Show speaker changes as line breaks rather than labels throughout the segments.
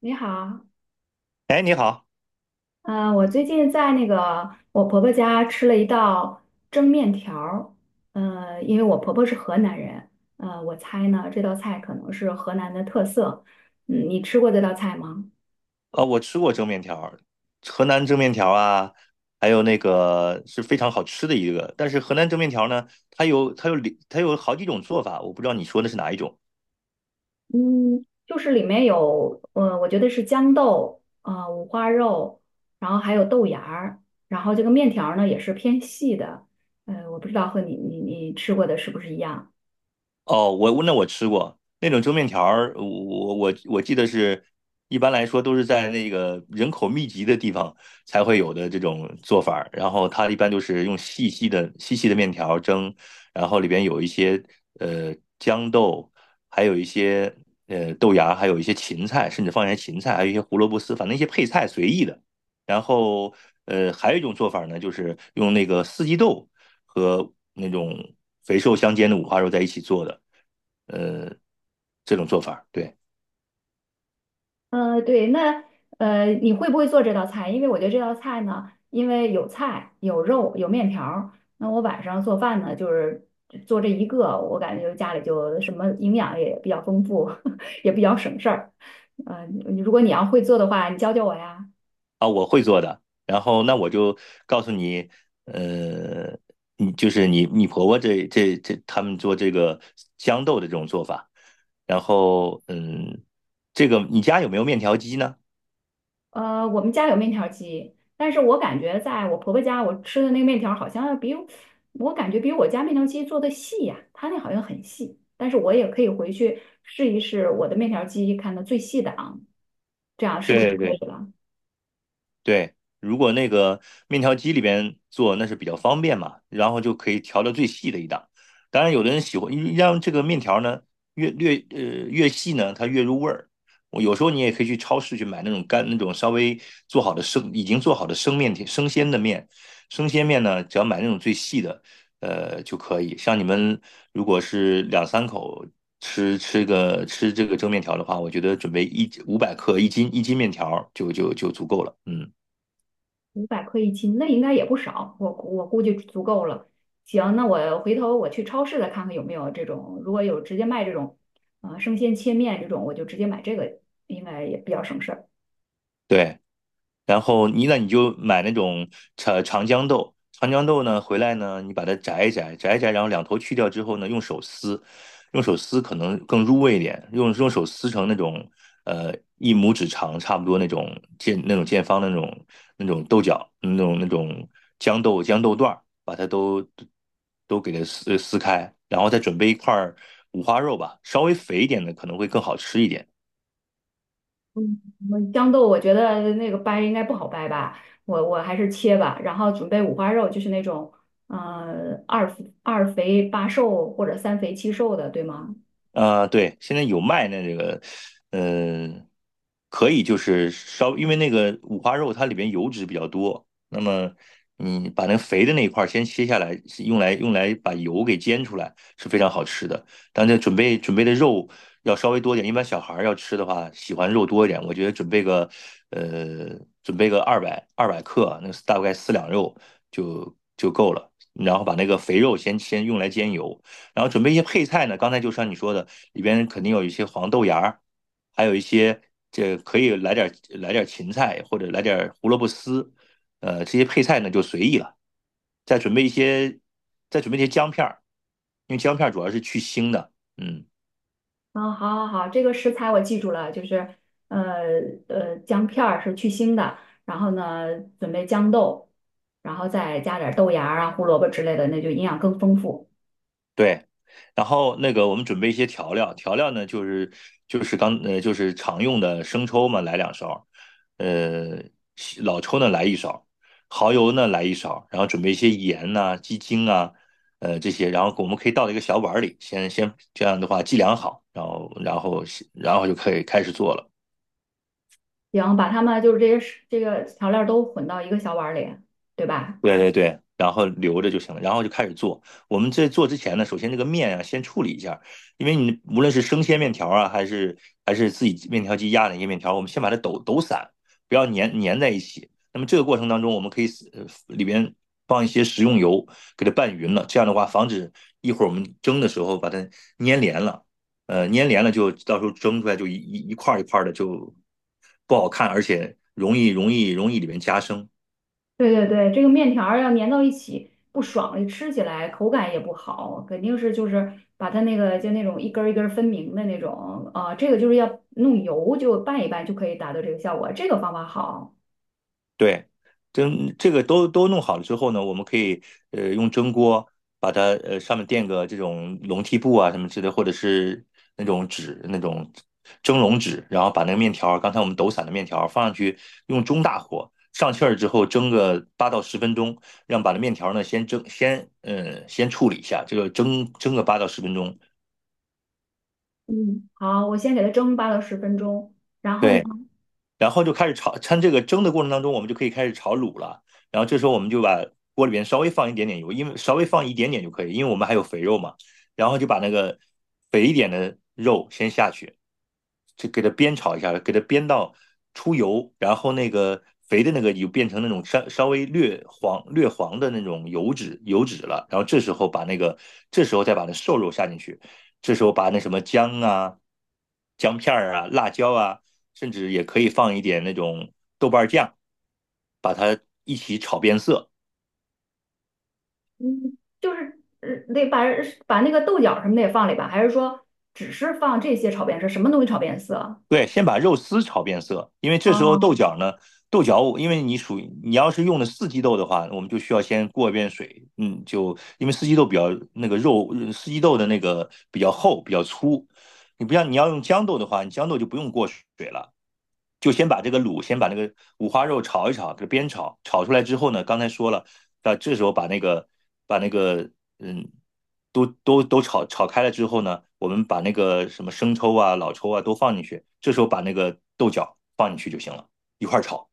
你好，
哎，你好，
嗯、我最近在那个我婆婆家吃了一道蒸面条儿。因为我婆婆是河南人，我猜呢这道菜可能是河南的特色。你吃过这道菜吗？
我吃过蒸面条儿，河南蒸面条啊，还有那个是非常好吃的一个。但是河南蒸面条呢，它有好几种做法，我不知道你说的是哪一种。
嗯，就是里面有，我觉得是豇豆，五花肉，然后还有豆芽儿，然后这个面条儿呢也是偏细的。我不知道和你吃过的是不是一样。
哦，那我吃过那种蒸面条儿，我记得是，一般来说都是在那个人口密集的地方才会有的这种做法儿。然后它一般就是用细细的面条儿蒸，然后里边有一些呃豇豆，还有一些豆芽，还有一些芹菜，甚至放一些芹菜，还有一些胡萝卜丝，反正一些配菜随意的。然后还有一种做法呢，就是用那个四季豆和那种肥瘦相间的五花肉在一起做的，呃，这种做法，对。
对，那你会不会做这道菜？因为我觉得这道菜呢，因为有菜、有肉、有面条儿，那我晚上做饭呢，就是做这一个，我感觉家里就什么营养也比较丰富，也比较省事儿。嗯，如果你要会做的话，你教教我呀。
啊，我会做的。然后那我就告诉你，呃，你婆婆这这这他们做这个豇豆的这种做法，然后这个你家有没有面条机呢？
我们家有面条机，但是我感觉在我婆婆家，我吃的那个面条好像要比我感觉比我家面条机做的细呀、它那好像很细，但是我也可以回去试一试我的面条机，看它最细的啊，这样是不是就
对
可
对
以了？
对，如果那个面条机里边做，那是比较方便嘛，然后就可以调到最细的一档。当然，有的人喜欢让这个面条呢越越呃越细呢，它越入味儿。我有时候你也可以去超市去买那种干那种稍微做好的生已经做好的生面条生鲜的面，生鲜面呢，只要买那种最细的，就可以。像你们如果是两三口吃这个蒸面条的话，我觉得准备500克一斤面条就足够了，嗯。
500克1斤，那应该也不少，我估计足够了。行，那我回头我去超市再看看有没有这种，如果有直接卖这种，啊、生鲜切面这种，我就直接买这个，应该也比较省事儿。
对，然后你就买那种长江豆，长江豆呢回来呢，你把它摘一摘，然后两头去掉之后呢，用手撕，可能更入味一点，用手撕成那种呃一拇指长，差不多那种见方的那种豆角，那种豇豆段儿，把它都给它撕开，然后再准备一块儿五花肉吧，稍微肥一点的可能会更好吃一点。
嗯豇豆我觉得那个掰应该不好掰吧，我还是切吧。然后准备五花肉，就是那种呃二二肥八瘦或者三肥七瘦的，对吗？
对，现在有卖那这个，嗯、可以就是稍，因为那个五花肉它里边油脂比较多，那么你把那个肥的那一块儿先切下来，是用来把油给煎出来是非常好吃的。但这准备的肉要稍微多一点，一般小孩儿要吃的话，喜欢肉多一点，我觉得呃，准备个二百克，那个大概4两肉就够了。然后把那个肥肉先用来煎油，然后准备一些配菜呢，刚才就像你说的，里边肯定有一些黄豆芽儿，还有一些这可以来点芹菜或者来点胡萝卜丝，这些配菜呢就随意了。再准备一些，再准备一些姜片儿，因为姜片儿主要是去腥的，嗯。
啊，好好好，这个食材我记住了，就是呃姜片儿是去腥的，然后呢准备豇豆，然后再加点儿豆芽儿啊、胡萝卜之类的，那就营养更丰富。
对，然后那个我们准备一些调料，调料呢就是就是刚呃就是常用的生抽嘛，来2勺，呃老抽呢来一勺，蚝油呢来一勺，然后准备一些盐呐、鸡精啊，这些，然后我们可以倒到一个小碗里，先这样的话计量好，然后就可以开始做了。
行，把它们就是这些食这个调料都混到一个小碗儿里，对吧？
对对对，然后留着就行了，然后就开始做。我们在做之前呢，首先这个面啊，先处理一下，因为你无论是生鲜面条啊，还是自己面条机压的一些面条，我们先把它抖散，不要粘在一起。那么这个过程当中，我们可以里边放一些食用油，给它拌匀了，这样的话防止一会儿我们蒸的时候把它粘连了。粘连了就到时候蒸出来就一块儿一块儿的就不好看，而且容易里面夹生。
对对对，这个面条儿要粘到一起不爽，吃起来口感也不好，肯定是就是把它那个就那种一根儿一根儿分明的那种啊、这个就是要弄油就拌一拌就可以达到这个效果，这个方法好。
对，蒸这个都弄好了之后呢，我们可以用蒸锅把它上面垫个这种笼屉布啊什么之类的，或者是那种蒸笼纸，然后把那个面条儿刚才我们抖散的面条儿放上去，用中大火上气儿之后蒸个八到十分钟，让把那面条儿呢先蒸先嗯先处理一下，这个蒸个八到十分钟。
嗯好，我先给它蒸8到10分钟，然后呢？
对，然后就开始炒，趁这个蒸的过程当中，我们就可以开始炒卤了。然后这时候我们就把锅里边稍微放一点点油，因为稍微放一点点就可以，因为我们还有肥肉嘛。然后就把那个肥一点的肉先下去，就给它煸炒一下，给它煸到出油，然后那个肥的那个就变成那种稍微略黄略黄的那种油脂了。然后这时候再把那瘦肉下进去，这时候把那什么姜啊、姜片儿啊、辣椒啊，甚至也可以放一点那种豆瓣酱，把它一起炒变色。
嗯，就是得把那个豆角什么的也放里吧，还是说只是放这些炒变色，什么东西炒变色？
对，先把肉丝炒变色，因为这时候豆
哦，
角呢，因为你属于你要是用的四季豆的话，我们就需要先过一遍水，嗯，就因为四季豆比较那个肉，四季豆的那个比较厚比较粗，你不像你要用豇豆的话，你豇豆就不用过水了。就先把这个卤，先把那个五花肉炒一炒，给它煸炒，炒出来之后呢，刚才说了，那这时候把那个嗯，都炒开了之后呢，我们把那个什么生抽啊、老抽啊都放进去，这时候把那个豆角放进去就行了，一块炒。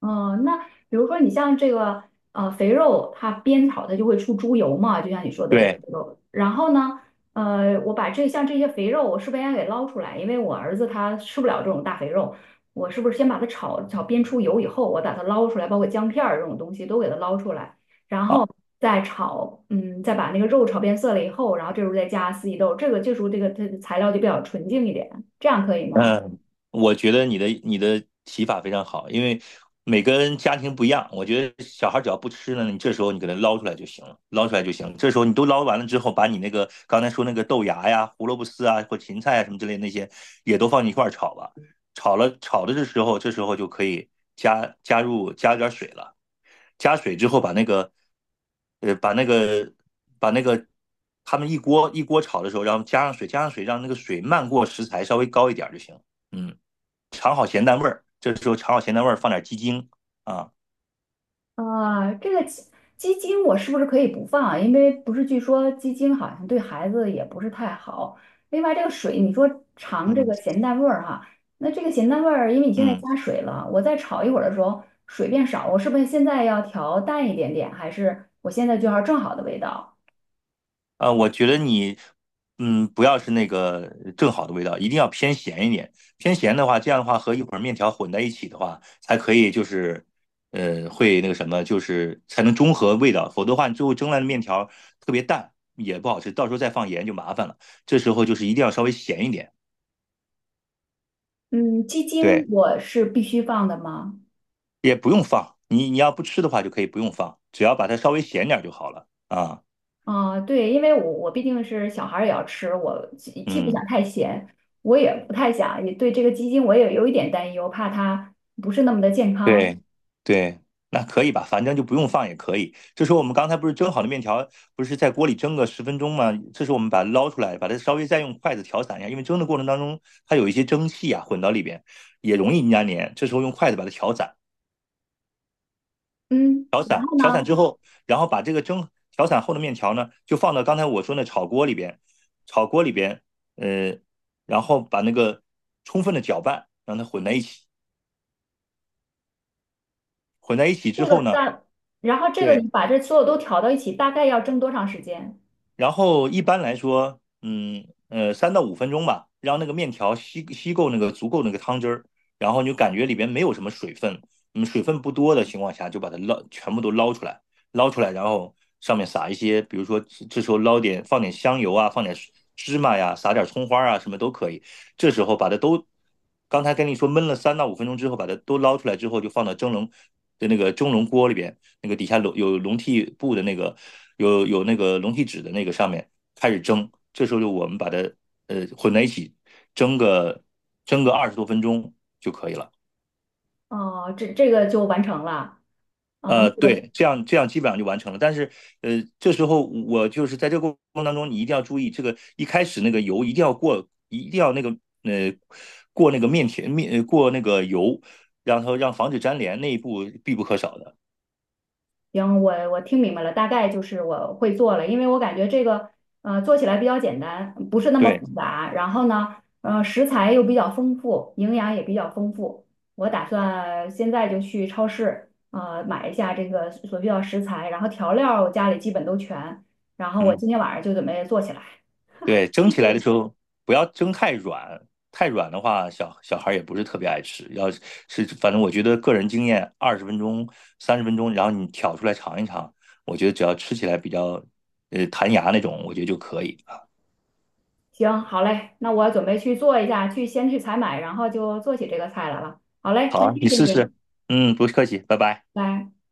嗯，那比如说你像这个肥肉，它煸炒它就会出猪油嘛，就像你说的这个
对。
肥肉。然后呢，我把这像这些肥肉，我是不是应该给捞出来？因为我儿子他吃不了这种大肥肉，我是不是先把它炒炒煸出油以后，我把它捞出来，包括姜片儿这种东西都给它捞出来，然
啊。
后再炒，再把那个肉炒变色了以后，然后这时候再加四季豆，这个这时候这个它的材料就比较纯净一点，这样可以吗？
嗯，我觉得你的提法非常好，因为每个人家庭不一样，我觉得小孩只要不吃呢，你这时候你给他捞出来就行了，捞出来就行。这时候你都捞完了之后，把你那个刚才说那个豆芽呀、胡萝卜丝啊或芹菜啊什么之类的那些也都放一块儿炒吧。炒了炒的这时候就可以加点儿水了。加水之后呃，把那个把那个他们一锅一锅炒的时候，然后加上水，让那个水漫过食材，稍微高一点就行。嗯，尝好咸淡味儿，这时候尝好咸淡味儿，放点鸡精啊，
啊，这个鸡精我是不是可以不放啊？因为不是据说鸡精好像对孩子也不是太好。另外，这个水你说尝这个
嗯
咸淡味儿哈，那这个咸淡味儿，因为你现在
嗯。
加水了，我再炒一会儿的时候水变少，我是不是现在要调淡一点点，还是我现在就要正好的味道？
我觉得你，不要是那个正好的味道，一定要偏咸一点。偏咸的话，这样的话和一会儿面条混在一起的话，才可以就是，会那个什么，就是才能中和味道。否则的话，你最后蒸来的面条特别淡，也不好吃，到时候再放盐就麻烦了。这时候就是一定要稍微咸一点，
嗯，鸡精
对，
我是必须放的吗？
也不用放。你要不吃的话，就可以不用放，只要把它稍微咸点儿就好了啊。
啊，对，因为我毕竟是小孩儿也要吃，我既不想
嗯。
太咸，我也不太想，也对这个鸡精我也有一点担忧，怕它不是那么的健康。
对对，那可以吧，反正就不用放也可以。这时候我们刚才不是蒸好的面条，不是在锅里蒸个十分钟吗？这时候我们把它捞出来，把它稍微再用筷子调散一下，因为蒸的过程当中它有一些蒸汽啊混到里边，也容易粘连。这时候用筷子把它调散，
嗯，然后
调散
呢，
之后，然后把这个蒸调散后的面条呢，就放到刚才我说那炒锅里边，炒锅里边，呃，然后把那个充分的搅拌，让它混在一起，混在一起
这
之
个
后呢。
大，然后这个你
对，
把这所有都调到一起，大概要蒸多长时间？
然后一般来说，三到五分钟吧，让那个面条吸够那个足够那个汤汁儿，然后你就感觉里边没有什么水分，水分不多的情况下，就把它全部都捞出来，捞出来，然后上面撒一些，比如说这时候放点香油啊，放点芝麻呀，撒点葱花啊，什么都可以。这时候把它都，刚才跟你说焖了三到五分钟之后，把它都捞出来之后，就放到蒸笼的那个蒸笼锅里边。那个底下笼有笼屉布的那个有那个笼屉纸的那个上面开始蒸，这时候就我们把它混在一起蒸个蒸个20多分钟就可以了。
哦、这个就完成了。啊、
对，这样基本上就完成了。但是，这时候我就是在这个过程当中，你一定要注意，这个一开始那个油一定要过，一定要那个呃过那个油，然后让防止粘连，那一步必不可少的。
行，我听明白了，大概就是我会做了，因为我感觉这个做起来比较简单，不是那么
对，
复杂。然后呢，食材又比较丰富，营养也比较丰富。我打算现在就去超市买一下这个所需要食材，然后调料我家里基本都全，然后我
嗯。
今天晚上就准备做起来。
对，蒸
谢
起
谢
来的
你。
时候不要蒸太软，太软的话，小孩也不是特别爱吃。反正我觉得个人经验，20分钟、30分钟，然后你挑出来尝一尝，我觉得只要吃起来比较弹牙那种，我觉得就可以啊。
行，好嘞，那我准备去做一下，去先去采买，然后就做起这个菜来了。好嘞，
好
那
啊
谢
你
谢
试试。
你，
嗯，不客气，拜拜。
拜。